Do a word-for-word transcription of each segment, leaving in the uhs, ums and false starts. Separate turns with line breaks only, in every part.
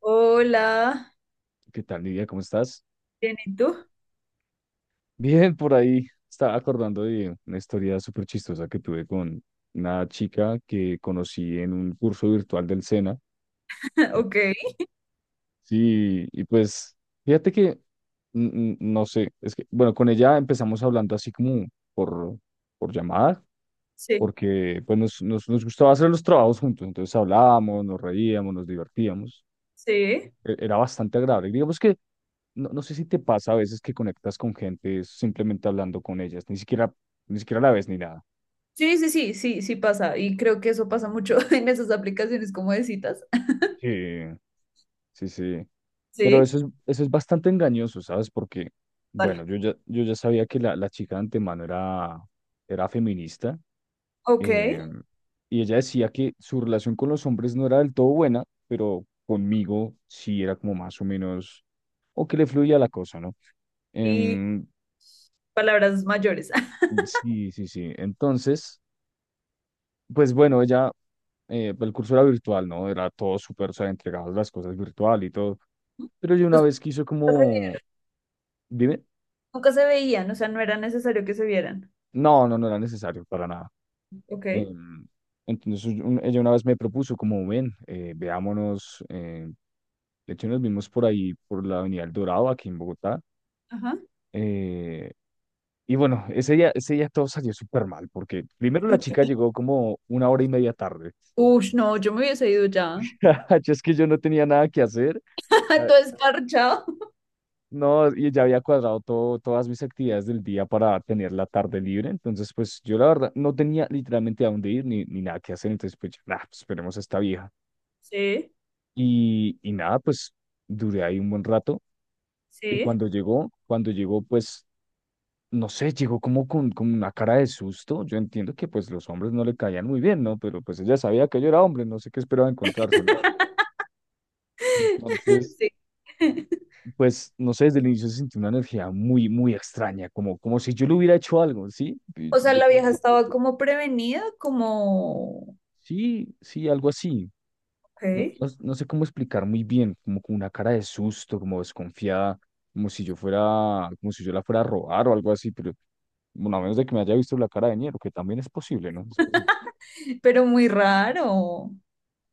Hola,
¿Qué tal, Lidia? ¿Cómo estás?
bien, ¿y tú?
Bien, por ahí estaba acordando de una historia súper chistosa que tuve con una chica que conocí en un curso virtual del SENA. Sí.
Ok,
Sí, y pues fíjate que, mm, mm, no sé, es que, bueno, con ella empezamos hablando así como por, por llamada,
sí,
porque pues nos, nos, nos gustaba hacer los trabajos juntos, entonces hablábamos, nos reíamos, nos divertíamos,
sí.
e- era bastante agradable. Digamos que no, no sé si te pasa a veces que conectas con gente es simplemente hablando con ellas, ni siquiera, ni siquiera la ves ni nada.
Sí, sí, sí, sí, sí pasa. Y creo que eso pasa mucho en esas aplicaciones como de citas.
Sí, sí, sí. Pero
Sí,
eso es, eso es bastante engañoso, ¿sabes? Porque,
vale.
bueno, yo ya, yo ya sabía que la, la chica de antemano era, era feminista,
Ok,
eh, y ella decía que su relación con los hombres no era del todo buena, pero conmigo sí era como más o menos, o que le fluía la cosa, ¿no?
y
Em,
palabras mayores.
sí, sí, sí. Entonces, pues bueno, ella, eh, pues el curso era virtual, ¿no? Era todo súper, o sea, entregadas las cosas virtual y todo. Pero yo una
Los que
vez quiso
nunca se
como,
vieron,
dime,
nunca se veían, o sea, no era necesario que se vieran.
no, no, no era necesario para nada.
Ok,
Em, entonces un- ella una vez me propuso como, ven, eh, veámonos, eh, de hecho nos vimos por ahí, por la Avenida El Dorado, aquí en Bogotá.
ajá.
eh, y bueno, ese día, ese día todo salió súper mal, porque primero la chica llegó como una hora y media tarde.
Ush, no, yo me hubiese ido ya.
Yo es que yo no tenía nada que hacer.
Todo esparchado.
No, y ya había cuadrado todo, todas mis actividades del día para tener la tarde libre. Entonces, pues yo la verdad no tenía literalmente a dónde ir ni, ni nada que hacer. Entonces, pues, yo, nah, pues, esperemos a esta vieja.
Sí,
Y, y nada, pues duré ahí un buen rato. Y
sí,
cuando llegó, cuando llegó, pues, no sé, llegó como con, con una cara de susto. Yo entiendo que pues los hombres no le caían muy bien, ¿no? Pero pues ella sabía que yo era hombre, no sé qué esperaba encontrarse, ¿no? Entonces,
sí.
pues, no sé, desde el inicio se sintió una energía muy, muy extraña, como, como si yo le hubiera hecho algo, ¿sí? Y
O sea,
yo
la
creo
vieja
que...
estaba como prevenida, como,
Sí, sí, algo así.
ok,
No, no, no sé cómo explicar muy bien, como con una cara de susto, como desconfiada, como si yo fuera, como si yo la fuera a robar o algo así, pero bueno, a menos de que me haya visto la cara de Niero, que también es posible, ¿no? Es posible.
pero muy raro.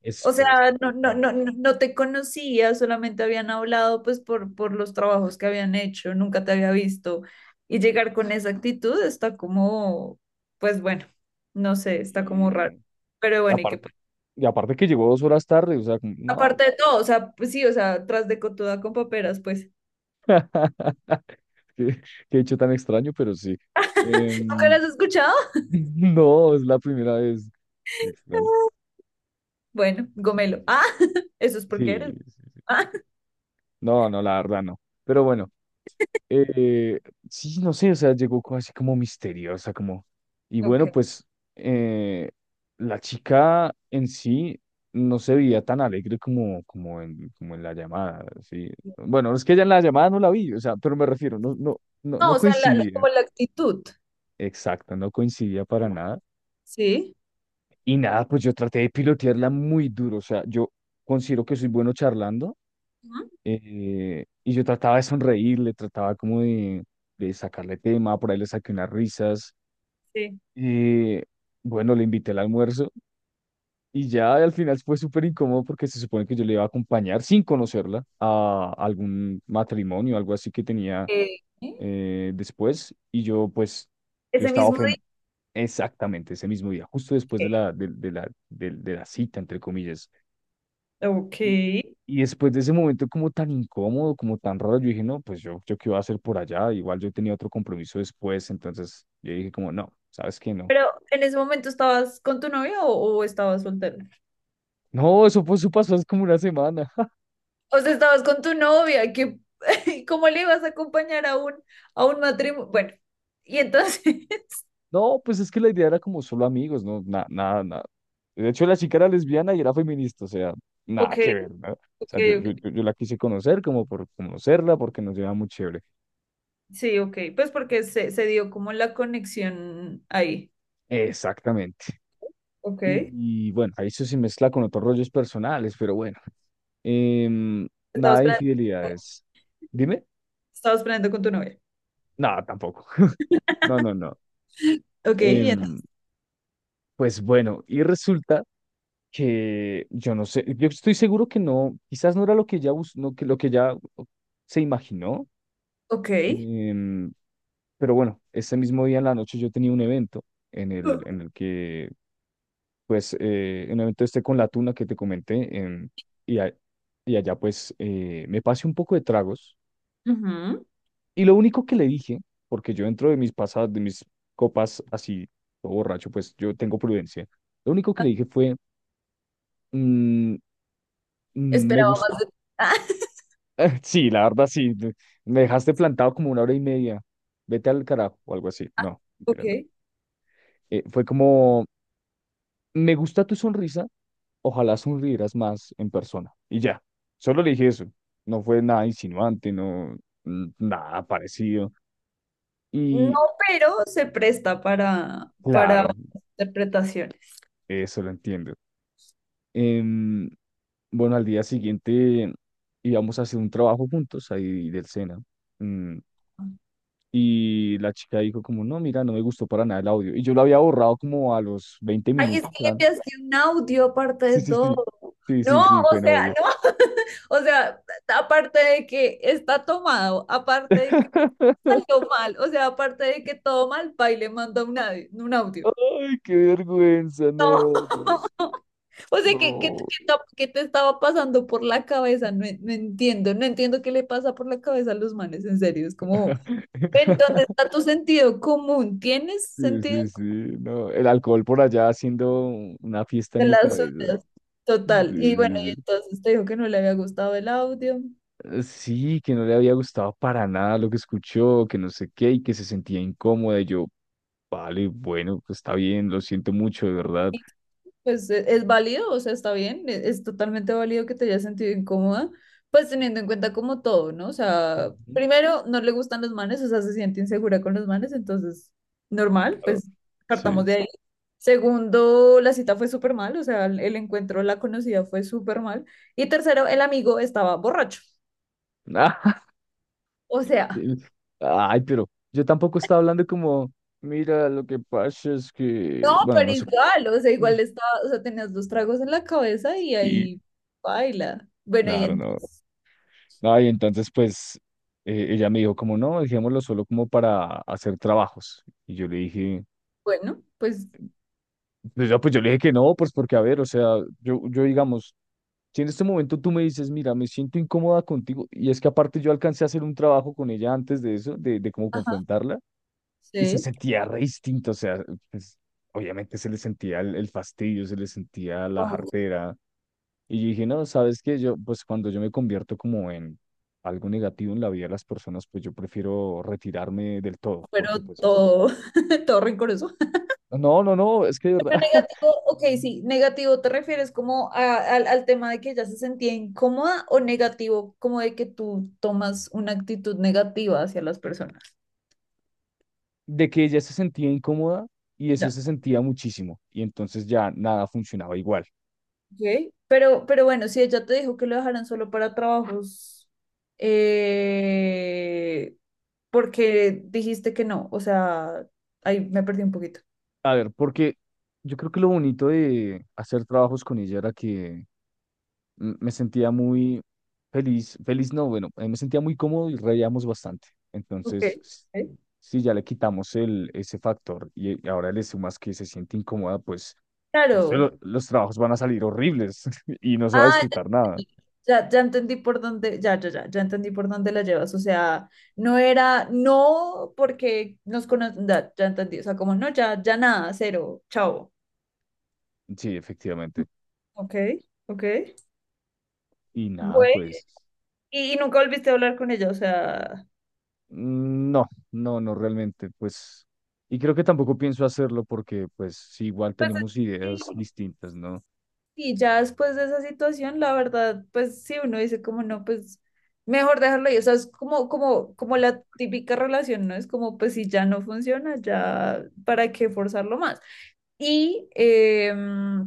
Es
O sea,
fue bastante
no, no,
extraño.
no, no no te conocía, solamente habían hablado pues por, por los trabajos que habían hecho, nunca te había visto. Y llegar con esa actitud está como, pues bueno, no sé, está como
Sí, no,
raro.
no.
Pero
Y
bueno, y que
aparte,
pues,
y aparte que llegó dos horas tarde, o sea, como, no.
aparte de todo, o sea, pues sí, o sea, tras de cotuda con paperas, pues,
Qué, qué hecho tan extraño, pero sí.
¿nunca
Em,
las has escuchado?
no, es la primera vez. Qué extraño.
Bueno, gomelo. Ah, eso es
Sí,
porque eres.
sí, sí, sí.
Ah,
No, no, la verdad no. Pero bueno, eh, sí, no sé, o sea, llegó co- así como misteriosa, como... Y bueno,
ok.
pues eh, la chica en sí no se veía tan alegre como, como en, como en la llamada, sí. Bueno, es que ella en la llamada no la vi, o sea, pero me refiero, no, no, no,
No,
no
o sea, la, la-
coincidí.
como la actitud,
Exacto, no coincidía para nada.
¿sí?
Y nada, pues yo traté de pilotearla muy duro. O sea, yo considero que soy bueno charlando,
Ujú,
eh, y yo trataba de sonreírle, trataba como de, de sacarle tema, por ahí le saqué unas risas.
sí.
eh, bueno, le invité al almuerzo y ya al final fue súper incómodo porque se supone que yo le iba a acompañar sin conocerla a algún matrimonio, algo así que tenía,
Eh,
eh, después. Y yo pues, yo
Ese
estaba
mismo
ofendido.
día.
Exactamente, ese mismo día, justo después de la, de, de la, del- de la cita, entre comillas.
que- Ok.
Y, y después de ese momento como tan incómodo, como tan raro, yo dije, no, pues yo, yo qué iba a hacer por allá, igual yo tenía otro compromiso después, entonces yo dije como, no, ¿sabes qué? No.
¿Pero en ese momento estabas con tu novia o, o estabas soltera?
No, eso, pues, eso pasó hace como una semana.
O sea, estabas con tu novia, que ¿cómo le ibas a acompañar a un, a un, matrimonio? Bueno, y entonces,
No, pues es que la idea era como solo amigos, no, nada, nada, nada. De hecho, la chica era lesbiana y era feminista, o sea, nada
ok,
que ver, ¿no? O
ok,
sea, yo, yo,
ok.
yo yo la quise conocer como por conocerla, porque nos llevaba muy chévere.
Sí, ok. Pues porque se, se dio como la conexión ahí.
Exactamente.
Ok.
Y bueno, ahí eso se mezcla con otros rollos personales, pero bueno. Em, nada
Estabas
de
planeando,
infidelidades. Dime.
estabas planeando con tu novia.
No, tampoco. No, no, no.
Ok, y
Em,
entonces,
pues bueno, y resulta que yo no sé, yo estoy seguro que no, quizás no era lo que ya, bus- no, que, lo que ya se imaginó. em, pero bueno, ese mismo día en la noche yo tenía un evento en el,
ok.
en el que pues eh, en un evento este con la tuna que te comenté, em, y, a- y allá pues eh, me pasé un poco de tragos
Ujú.
y lo único que le dije, porque yo dentro de mis pasadas, de mis copas así, todo borracho, pues yo tengo prudencia, lo único que le dije fue, "Mm, mm, me
Esperaba
gusta".
más de. Ah,
Sí, la verdad sí, me me dejaste plantado como una hora y media, vete al carajo o algo así, no, mentira, no.
ok.
Eh, fue como, me gusta tu sonrisa, ojalá sonrieras más en persona. Y ya, solo le dije eso. No fue nada insinuante, no, n- nada parecido.
No,
Y
pero se presta para, para
claro,
otras interpretaciones.
eso lo entiendo. Em, bueno, al día siguiente íbamos a hacer un trabajo juntos ahí del SENA. Mm, y la chica dijo como, no, mira, no me gustó para nada el audio. Y yo lo había borrado como a los veinte
Ay, es
minutos.
que le
Eran...
enviaste un audio aparte
Sí,
de
sí,
todo.
sí. Sí,
No,
sí, sí, fue
o
en audio.
sea, no, o sea, aparte de que está tomado, aparte de que salió mal, o sea, aparte de que todo mal, pa, y le manda un audio, un audio.
Ay, qué vergüenza,
No.
no. No.
O sea, ¿qué, qué,
No.
qué ta- qué te estaba pasando por la cabeza? No, en- no entiendo, no entiendo qué le pasa por la cabeza a los manes, en serio. Es como, ¿en dónde está tu sentido común? ¿Tienes
Sí,
sentido
sí, sí,
común
no, el alcohol por allá haciendo una fiesta en
de
mi
las
cabeza.
ondas?
Sí,
Total. Y bueno, y
sí, sí.
entonces te dijo que no le había gustado el audio.
Eh, sí, que no le había gustado para nada lo que escuchó, que no sé qué, y que se sentía incómoda. Y yo, vale, bueno, pues está bien, lo siento mucho, de verdad.
Pues e- es, válido, o sea, está bien, e- es, totalmente válido que te hayas sentido incómoda, pues teniendo en cuenta como todo, ¿no? O sea,
Ujú.
primero no le gustan los manes, o sea, se siente insegura con los manes, entonces, normal,
Claro,
pues partamos
sí.
de ahí. Segundo, la cita fue súper mal, o sea, el, el encuentro, la conocida fue súper mal. Y tercero, el amigo estaba borracho. O sea,
Sí. Ay, pero yo tampoco estaba hablando como, mira, lo que pasa es
no,
que, bueno,
pero
no sé.
igual, o sea, igual estaba, o sea, tenías dos tragos en la cabeza y
Y
ahí baila. Bueno, y
claro, no.
entonces,
Ah, y entonces, pues, eh, ella me dijo como, no, dejémoslo solo como para hacer trabajos. Y yo le dije,
bueno, pues
pues yo, pues yo le dije que no, pues porque, a ver, o sea, yo, yo digamos, si en este momento tú me dices, mira, me siento incómoda contigo, y es que aparte yo alcancé a hacer un trabajo con ella antes de eso, de, de cómo confrontarla, y se
sí.
sentía re distinto, o sea, pues, obviamente se le sentía el, el fastidio, se le sentía la
Oh,
jartera. Y yo dije, no, sabes que yo, pues cuando yo me convierto como en algo negativo en la vida de las personas, pues yo prefiero retirarme del todo,
pero
porque pues es...
todo, todo rencoroso.
No, no, no, es que de verdad,
Pero negativo, ok, sí, negativo, ¿te refieres como a- al, al tema de que ella se sentía incómoda o negativo, como de que tú tomas una actitud negativa hacia las personas?
de que ella se sentía incómoda y eso
Ya.
se sentía muchísimo, y entonces ya nada funcionaba igual.
Ok. Pero, pero bueno, si ella te dijo que lo dejaran solo para trabajos, eh, porque dijiste que no, o sea, ahí me perdí un poquito.
A ver, porque yo creo que lo bonito de hacer trabajos con ella era que mm, me sentía muy feliz, feliz no, bueno, eh, me sentía muy cómodo y reíamos bastante.
Ok,
Entonces, s-
ok.
si ya le quitamos el, ese factor y, y ahora le sumas que se siente incómoda, pues, no sé,
Claro.
lo- los trabajos van a salir horribles y no se va a
Ah,
disfrutar nada.
ya, ya entendí por dónde, ya, ya, ya, ya entendí por dónde la llevas. O sea, no era, no porque nos conocen, ya, ya entendí. O sea, como no, ya, ya nada, cero, chao.
Sí, efectivamente.
Ok, ok.
Y nada,
Bueno,
pues,
y, y nunca volviste a hablar con ella, o sea,
mm, no, no, no realmente, pues, y creo que tampoco pienso hacerlo porque, pues, sí, igual
pues
tenemos
sí,
ideas distintas, ¿no?
sí, ya después de esa situación, la verdad, pues sí, uno dice como no, pues mejor dejarlo ahí. O sea, es como, como, como la típica relación, ¿no? Es como, pues si ya no funciona, ya, ¿para qué forzarlo más? Y, em,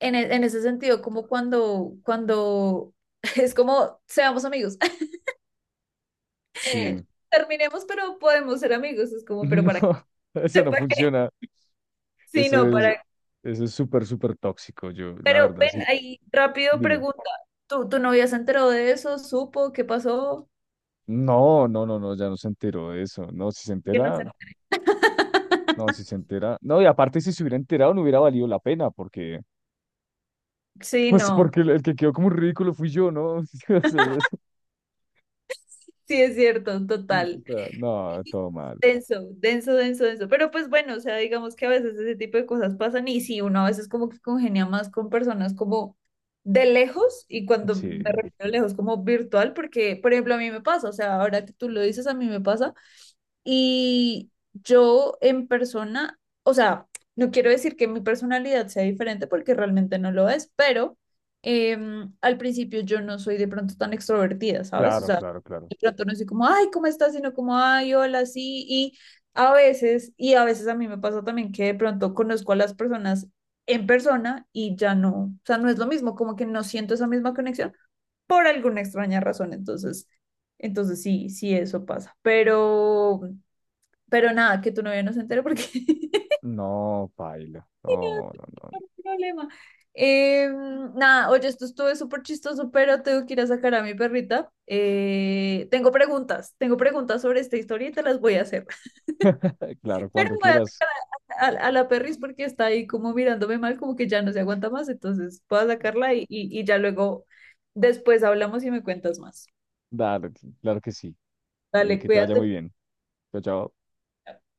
en, e- en ese sentido, como cuando, cuando es como, seamos amigos,
Sí,
terminemos, pero podemos ser amigos, es como, pero
no,
para que
eso no
sepa que
funciona.
sí,
Eso
no, para,
es, eso es súper, súper tóxico, yo,
pero
la verdad,
ven
sí,
ahí rápido
dime.
pregunta, ¿tu, tu novia se enteró de eso? ¿Supo qué pasó?
No, no, no, no, ya no se enteró de eso. No, si se
Que no sé.
entera, no, si se entera. No, y aparte si se hubiera enterado no hubiera valido la pena, porque,
Sí,
pues
no,
porque el, el que quedó como un ridículo fui yo, ¿no?
sí es cierto,
O sea, o
total.
sea, no, todo mal.
Denso, denso, denso, denso. Pero pues bueno, o sea, digamos que a veces ese tipo de cosas pasan y sí, uno a veces como que congenia más con personas como de lejos y cuando me
Sí,
refiero a lejos como virtual, porque por ejemplo a mí me pasa, o sea, ahora que tú lo dices, a mí me pasa y yo en persona, o sea, no quiero decir que mi personalidad sea diferente porque realmente no lo es, pero em, al principio yo no soy de pronto tan extrovertida, ¿sabes? O
claro,
sea,
claro, claro.
de pronto no soy como, ay, ¿cómo estás? Sino como, ay, hola, sí. Y a veces, y a veces a mí me pasa también que de pronto conozco a las personas en persona y ya no, o sea, no es lo mismo, como que no siento esa misma conexión por alguna extraña razón. Entonces, entonces sí, sí, eso pasa. Pero, pero nada, que tu novia no se entere porque
No, paila. No, no,
no hay problema. Eh, Nada, oye, esto estuvo súper chistoso, pero tengo que ir a sacar a mi perrita. Eh, tengo preguntas, tengo preguntas sobre esta historia y te las voy a hacer.
no. Claro,
Pero
cuando
voy
quieras,
a, a- a la perris porque está ahí como mirándome mal, como que ya no se aguanta más, entonces voy a sacarla y, y, y ya luego, después hablamos y me cuentas más.
dale, claro que sí. Y
Dale,
que te vaya muy
cuídate.
bien. Chao, chao.